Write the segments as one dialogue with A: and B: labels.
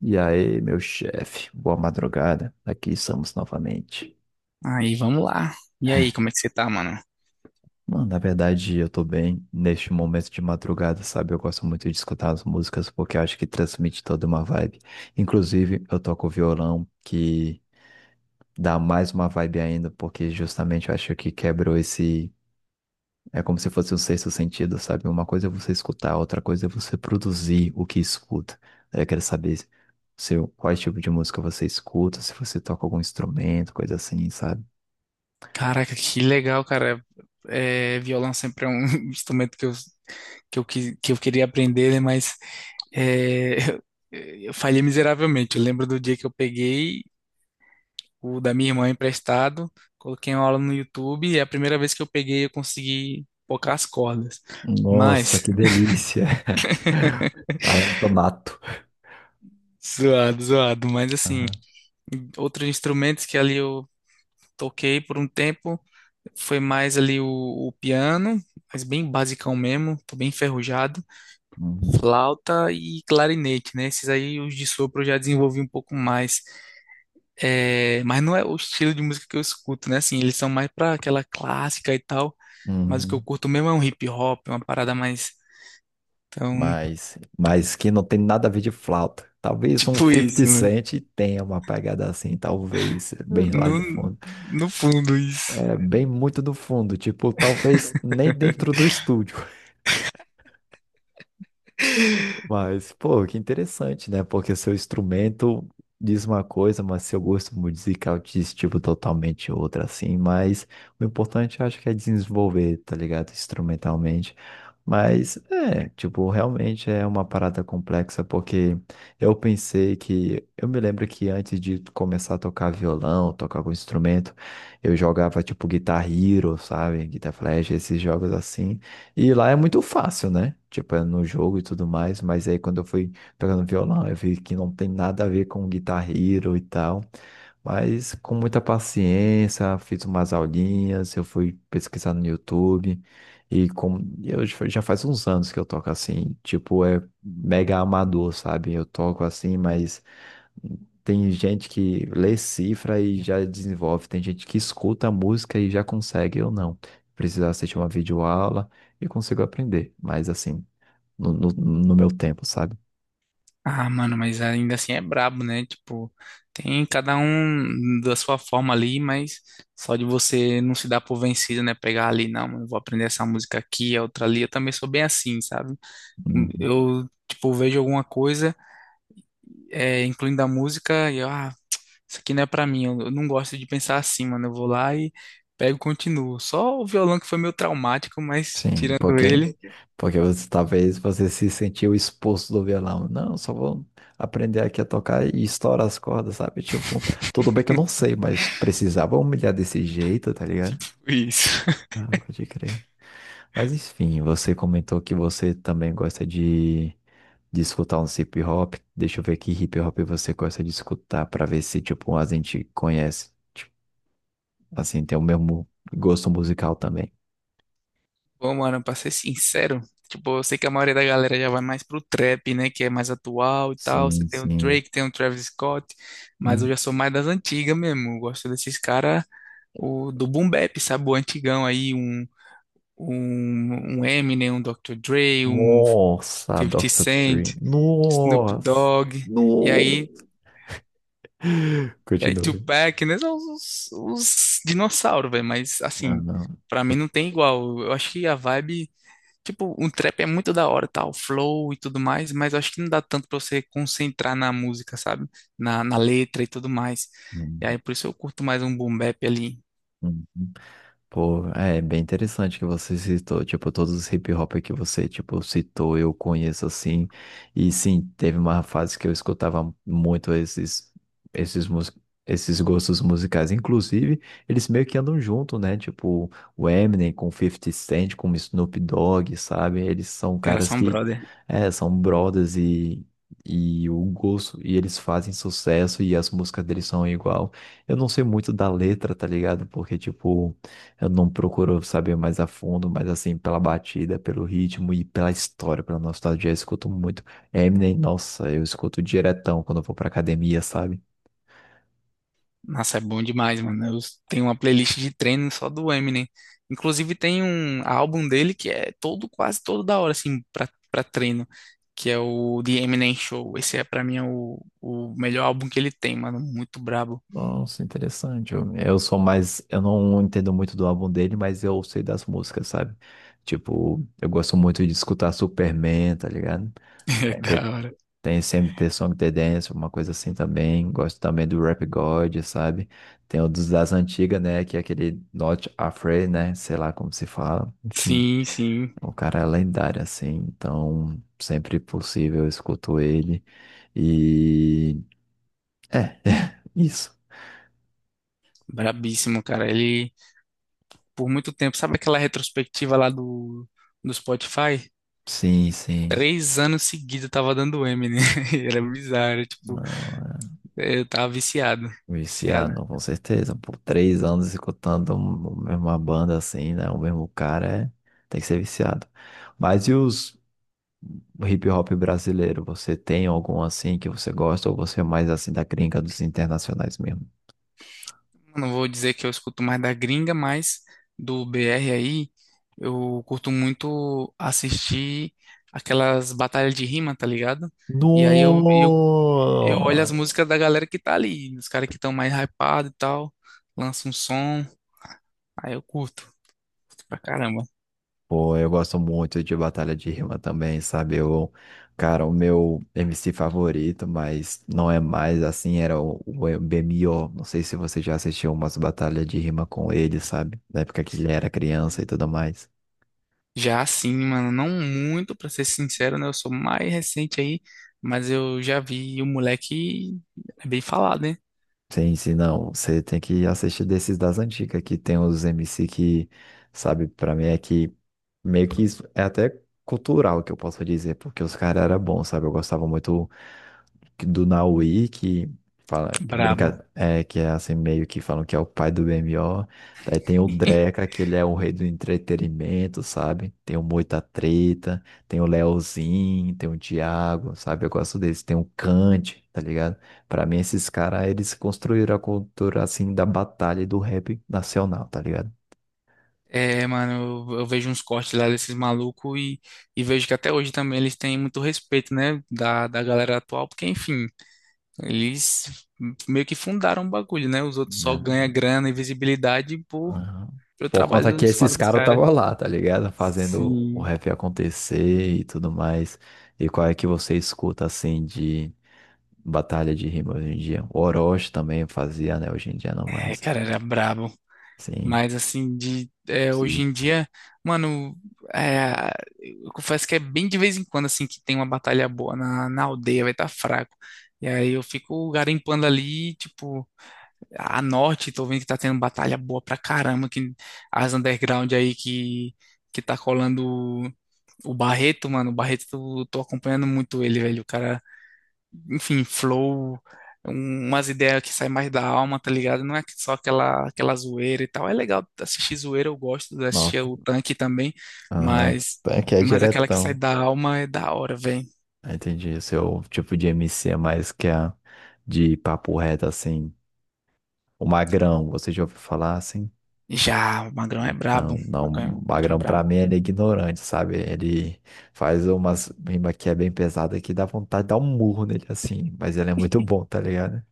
A: E aí, meu chefe, boa madrugada. Aqui estamos novamente.
B: Aí, vamos lá. E aí, como é que você tá, mano?
A: Mano, na verdade, eu tô bem neste momento de madrugada, sabe? Eu gosto muito de escutar as músicas porque eu acho que transmite toda uma vibe. Inclusive, eu toco violão, que dá mais uma vibe ainda, porque justamente eu acho que quebrou esse. É como se fosse um sexto sentido, sabe? Uma coisa é você escutar, outra coisa é você produzir o que escuta. Daí eu quero saber qual tipo de música você escuta, se você toca algum instrumento, coisa assim, sabe?
B: Caraca, que legal, cara. É, violão sempre é um instrumento que eu queria aprender, né? Mas é, eu falhei miseravelmente. Eu lembro do dia que eu peguei o da minha irmã emprestado, coloquei uma aula no YouTube e é a primeira vez que eu peguei eu consegui tocar as cordas. Mas,
A: Nossa, que delícia. Talento nato.
B: zoado, zoado. Mas assim,
A: Aham.
B: outros instrumentos que ali eu toquei por um tempo. Foi mais ali o piano, mas bem basicão mesmo, tô bem enferrujado.
A: Uhum.
B: Flauta e clarinete, né? Esses aí, os de sopro, eu já desenvolvi um pouco mais. É, mas não é o estilo de música que eu escuto, né? Assim, eles são mais pra aquela clássica e tal. Mas o que eu
A: Uhum.
B: curto mesmo é um hip hop, uma parada mais. Então,
A: Mas que não tem nada a ver de flauta. Talvez um
B: tipo
A: 50
B: isso, né?
A: Cent tenha uma pegada assim, talvez, bem lá
B: No,
A: de fundo.
B: no fundo, isso.
A: É bem muito do fundo, tipo, talvez nem dentro do estúdio. Mas, pô, que interessante, né? Porque seu instrumento diz uma coisa, mas seu gosto musical diz, tipo, totalmente outra, assim. Mas o importante, eu acho que é desenvolver, tá ligado? Instrumentalmente. Mas, é, tipo, realmente é uma parada complexa, porque eu pensei que... Eu me lembro que antes de começar a tocar violão, tocar algum instrumento, eu jogava, tipo, Guitar Hero, sabe? Guitar Flash, esses jogos assim. E lá é muito fácil, né? Tipo, é no jogo e tudo mais, mas aí quando eu fui pegando violão, eu vi que não tem nada a ver com Guitar Hero e tal. Mas com muita paciência, fiz umas aulinhas, eu fui pesquisar no YouTube. E como eu já faz uns anos que eu toco assim, tipo, é mega amador, sabe? Eu toco assim, mas tem gente que lê cifra e já desenvolve, tem gente que escuta a música e já consegue, eu não. Preciso assistir uma videoaula e consigo aprender, mas assim, no meu tempo, sabe?
B: Ah, mano, mas ainda assim é brabo, né? Tipo, tem cada um da sua forma ali, mas só de você não se dar por vencido, né? Pegar ali, não, mano, eu vou aprender essa música aqui, a outra ali. Eu também sou bem assim, sabe?
A: Uhum.
B: Eu, tipo, vejo alguma coisa, é, incluindo a música, e eu, ah, isso aqui não é pra mim. Eu não gosto de pensar assim, mano. Eu vou lá e pego e continuo. Só o violão que foi meio traumático, mas
A: Sim,
B: tirando
A: porque,
B: ele,
A: porque você, talvez você se sentiu expulso do violão. Não, só vou aprender aqui a tocar e estourar as cordas, sabe? Tipo, tudo bem que eu não sei, mas precisava humilhar desse jeito, tá ligado?
B: foi isso.
A: Ah, pode crer. Mas enfim, você comentou que você também gosta de escutar um hip hop. Deixa eu ver que hip hop você gosta de escutar para ver se tipo a gente conhece, tipo, assim, tem o mesmo gosto musical também.
B: Bom, mano, pra ser sincero, tipo, eu sei que a maioria da galera já vai mais pro trap, né, que é mais atual e tal. Você
A: Sim,
B: tem o
A: sim.
B: Drake, tem o Travis Scott, mas
A: Hum.
B: eu já sou mais das antigas mesmo. Eu gosto desses caras, o do boom bap, sabe, o antigão aí, um Eminem, um Dr. Dre, um
A: Nossa,
B: Fifty
A: Dr. Dre.
B: Cent, Snoop
A: Nossa.
B: Dogg, e
A: No.
B: aí, e aí
A: Continua.
B: Tupac, né, são os dinossauros, velho, mas
A: Ah,
B: assim,
A: não.
B: pra mim não tem igual. Eu acho que a vibe. Tipo, um trap é muito da hora, tal, flow e tudo mais, mas eu acho que não dá tanto pra você concentrar na música, sabe? Na letra e tudo mais. E
A: Hum,
B: aí, por isso eu curto mais um boom bap ali.
A: hum. Pô, é bem interessante que você citou, tipo, todos os hip hop que você, tipo, citou, eu conheço assim, e sim, teve uma fase que eu escutava muito esses, mus- esses gostos musicais, inclusive, eles meio que andam junto, né, tipo, o Eminem com 50 Cent, com o Snoop Dogg, sabe, eles são
B: Cara,
A: caras
B: são
A: que,
B: brother.
A: é, são brothers e... E o gosto, e eles fazem sucesso e as músicas deles são igual. Eu não sei muito da letra, tá ligado? Porque, tipo, eu não procuro saber mais a fundo, mas assim, pela batida, pelo ritmo e pela história, pela nostalgia, eu escuto muito. Eminem, nossa, eu escuto diretão quando eu vou pra academia, sabe?
B: Nossa, é bom demais, mano. Eu tenho uma playlist de treino só do Eminem. Inclusive, tem um álbum dele que é todo, quase todo da hora, assim, pra treino, que é o The Eminem Show. Esse é, pra mim, é o melhor álbum que ele tem, mano. Muito brabo.
A: Nossa, interessante. Eu sou mais. Eu não entendo muito do álbum dele, mas eu sei das músicas, sabe? Tipo, eu gosto muito de escutar Superman, tá ligado?
B: É da hora.
A: Tem sempre The Song The Dance, uma coisa assim também. Gosto também do Rap God, sabe? Tem o dos das antigas, né? Que é aquele Not Afraid, né? Sei lá como se fala. Enfim,
B: Sim, sim.
A: o cara é lendário, assim. Então, sempre possível, eu escuto ele. E... É, isso.
B: Brabíssimo, cara. Ele, por muito tempo, sabe aquela retrospectiva lá do Spotify?
A: Sim, sim.
B: Três anos seguidos eu tava dando M, né? Era bizarro, tipo,
A: Não, é.
B: eu tava viciado,
A: Um
B: viciado.
A: viciado, com certeza. Por três anos escutando uma mesma banda assim, né? O mesmo cara, é... tem que ser viciado. Mas e os... hip hop brasileiro, você tem algum assim que você gosta ou você é mais assim da gringa dos internacionais mesmo?
B: Não vou dizer que eu escuto mais da gringa, mas do BR aí, eu curto muito assistir aquelas batalhas de rima, tá ligado? E aí eu, Uhum. eu olho as
A: No!
B: músicas da galera que tá ali, os caras que estão mais hypados e tal, lança um som, aí eu curto. Curto pra caramba.
A: Pô, eu gosto muito de Batalha de Rima também, sabe? Eu, cara, o meu MC favorito, mas não é mais assim, era o BMO. Não sei se você já assistiu umas batalhas de rima com ele, sabe? Na época que ele era criança e tudo mais.
B: Já assim, mano, não muito, pra ser sincero, né? Eu sou mais recente aí, mas eu já vi o moleque é bem falado, né?
A: Sim, sim, não. Você tem que assistir desses das antigas, que tem os MC que, sabe, pra mim é que meio que isso é até cultural que eu posso dizer, porque os caras eram bons, sabe? Eu gostava muito do Naui, que fala, que
B: Brabo.
A: brinca, é, que é assim, meio que falam que é o pai do BMO. Daí tem o Dreca, que ele é o rei do entretenimento, sabe? Tem o Moita Treta, tem o Leozinho, tem o Thiago, sabe? Eu gosto desse. Tem o Kant, tá ligado? Pra mim, esses caras, eles construíram a cultura, assim, da batalha e do rap nacional, tá ligado?
B: É, mano, eu vejo uns cortes lá desses malucos e vejo que até hoje também eles têm muito respeito, né? Da galera atual, porque, enfim, eles meio que fundaram o bagulho, né? Os outros só
A: Né?
B: ganham grana e visibilidade por,
A: Aham.
B: pelo
A: Por conta que
B: trabalho suado
A: esses
B: dos
A: caras
B: caras.
A: estavam lá, tá ligado? Fazendo o
B: Sim.
A: rap acontecer e tudo mais. E qual é que você escuta, assim, de batalha de rima hoje em dia? O Orochi também fazia, né? Hoje em dia não
B: É,
A: mais.
B: cara, era brabo.
A: Sim.
B: Mas assim, de é, hoje
A: Sim.
B: em dia, mano, é, eu confesso que é bem de vez em quando assim que tem uma batalha boa na aldeia, vai estar fraco. E aí eu fico garimpando ali, tipo, a norte, tô vendo que tá tendo batalha boa pra caramba, que as underground aí que tá colando o Barreto, mano, o Barreto, tô acompanhando muito ele, velho. O cara enfim, flow, umas ideias que saem mais da alma, tá ligado? Não é que- só aquela, aquela zoeira e tal. É legal assistir zoeira, eu gosto de assistir
A: Nossa.
B: o tanque também,
A: Aham.
B: mas,
A: Então, que é
B: mas aquela que sai
A: diretão.
B: da alma é da hora, velho.
A: Entendi. O seu tipo de MC é mais que a de papo reto, assim. O Magrão, você já ouviu falar assim?
B: Já, o Magrão é brabo.
A: Então, não,
B: O
A: o
B: Magrão é
A: Magrão pra mim
B: brabo.
A: ele é ignorante, sabe? Ele faz umas rima que é bem pesada que dá vontade de dar um murro nele assim, mas ele é muito bom, tá ligado?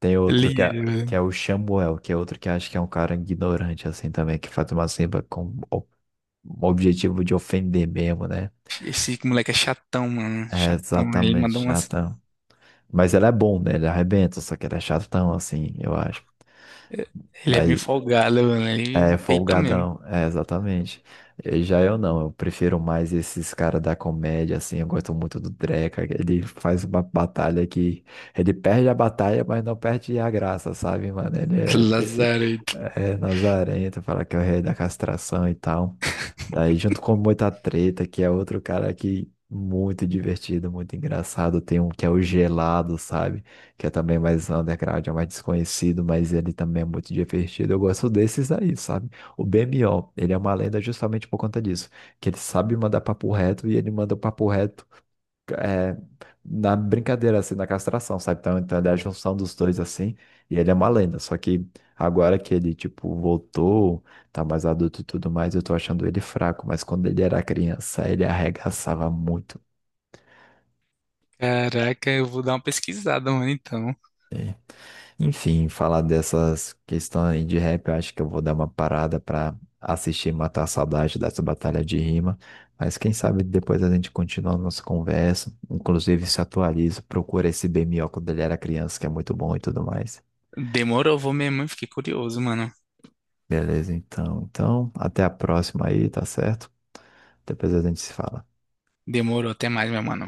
A: Tem outro
B: Ele,
A: que é o Samuel, que é outro que acho que é um cara ignorante assim também, que faz uma rima com o objetivo de ofender mesmo, né?
B: esse moleque é chatão, mano.
A: É
B: Chatão. Ele
A: exatamente,
B: manda umas.
A: chatão. Mas ele é bom, né? Ele arrebenta, só que ele é chatão assim, eu acho.
B: Ele é bem
A: Mas
B: folgado, mano. Ele
A: é,
B: peita mesmo.
A: folgadão, é, exatamente. Já eu não, eu prefiro mais esses caras da comédia, assim, eu gosto muito do Dreka, que ele faz uma batalha que ele perde a batalha, mas não perde a graça, sabe, mano? Ele é, desse,
B: Lazarento.
A: é nazarento, fala que é o rei da castração e tal. Daí, junto com muita Treta, que é outro cara que muito divertido, muito engraçado, tem um que é o Gelado, sabe? Que é também mais underground, é mais desconhecido, mas ele também é muito divertido. Eu gosto desses aí, sabe? O BMO, ele é uma lenda justamente por conta disso, que ele sabe mandar papo reto e ele manda o papo reto é, na brincadeira, assim, na castração, sabe? Então, então ele é a junção dos dois, assim, e ele é uma lenda. Só que agora que ele, tipo, voltou, tá mais adulto e tudo mais, eu tô achando ele fraco, mas quando ele era criança, ele arregaçava muito.
B: Caraca, eu vou dar uma pesquisada, mano, então.
A: Enfim, falar dessas questões de rap, eu acho que eu vou dar uma parada para assistir e matar a saudade dessa batalha de rima. Mas quem sabe depois a gente continua a nossa conversa. Inclusive, se atualiza, procura esse BMO quando ele era criança, que é muito bom e tudo mais.
B: Demorou, vou mesmo, hein? Fiquei curioso, mano.
A: Beleza, então. Então, até a próxima aí, tá certo? Depois a gente se fala.
B: Demorou, até mais, meu mano.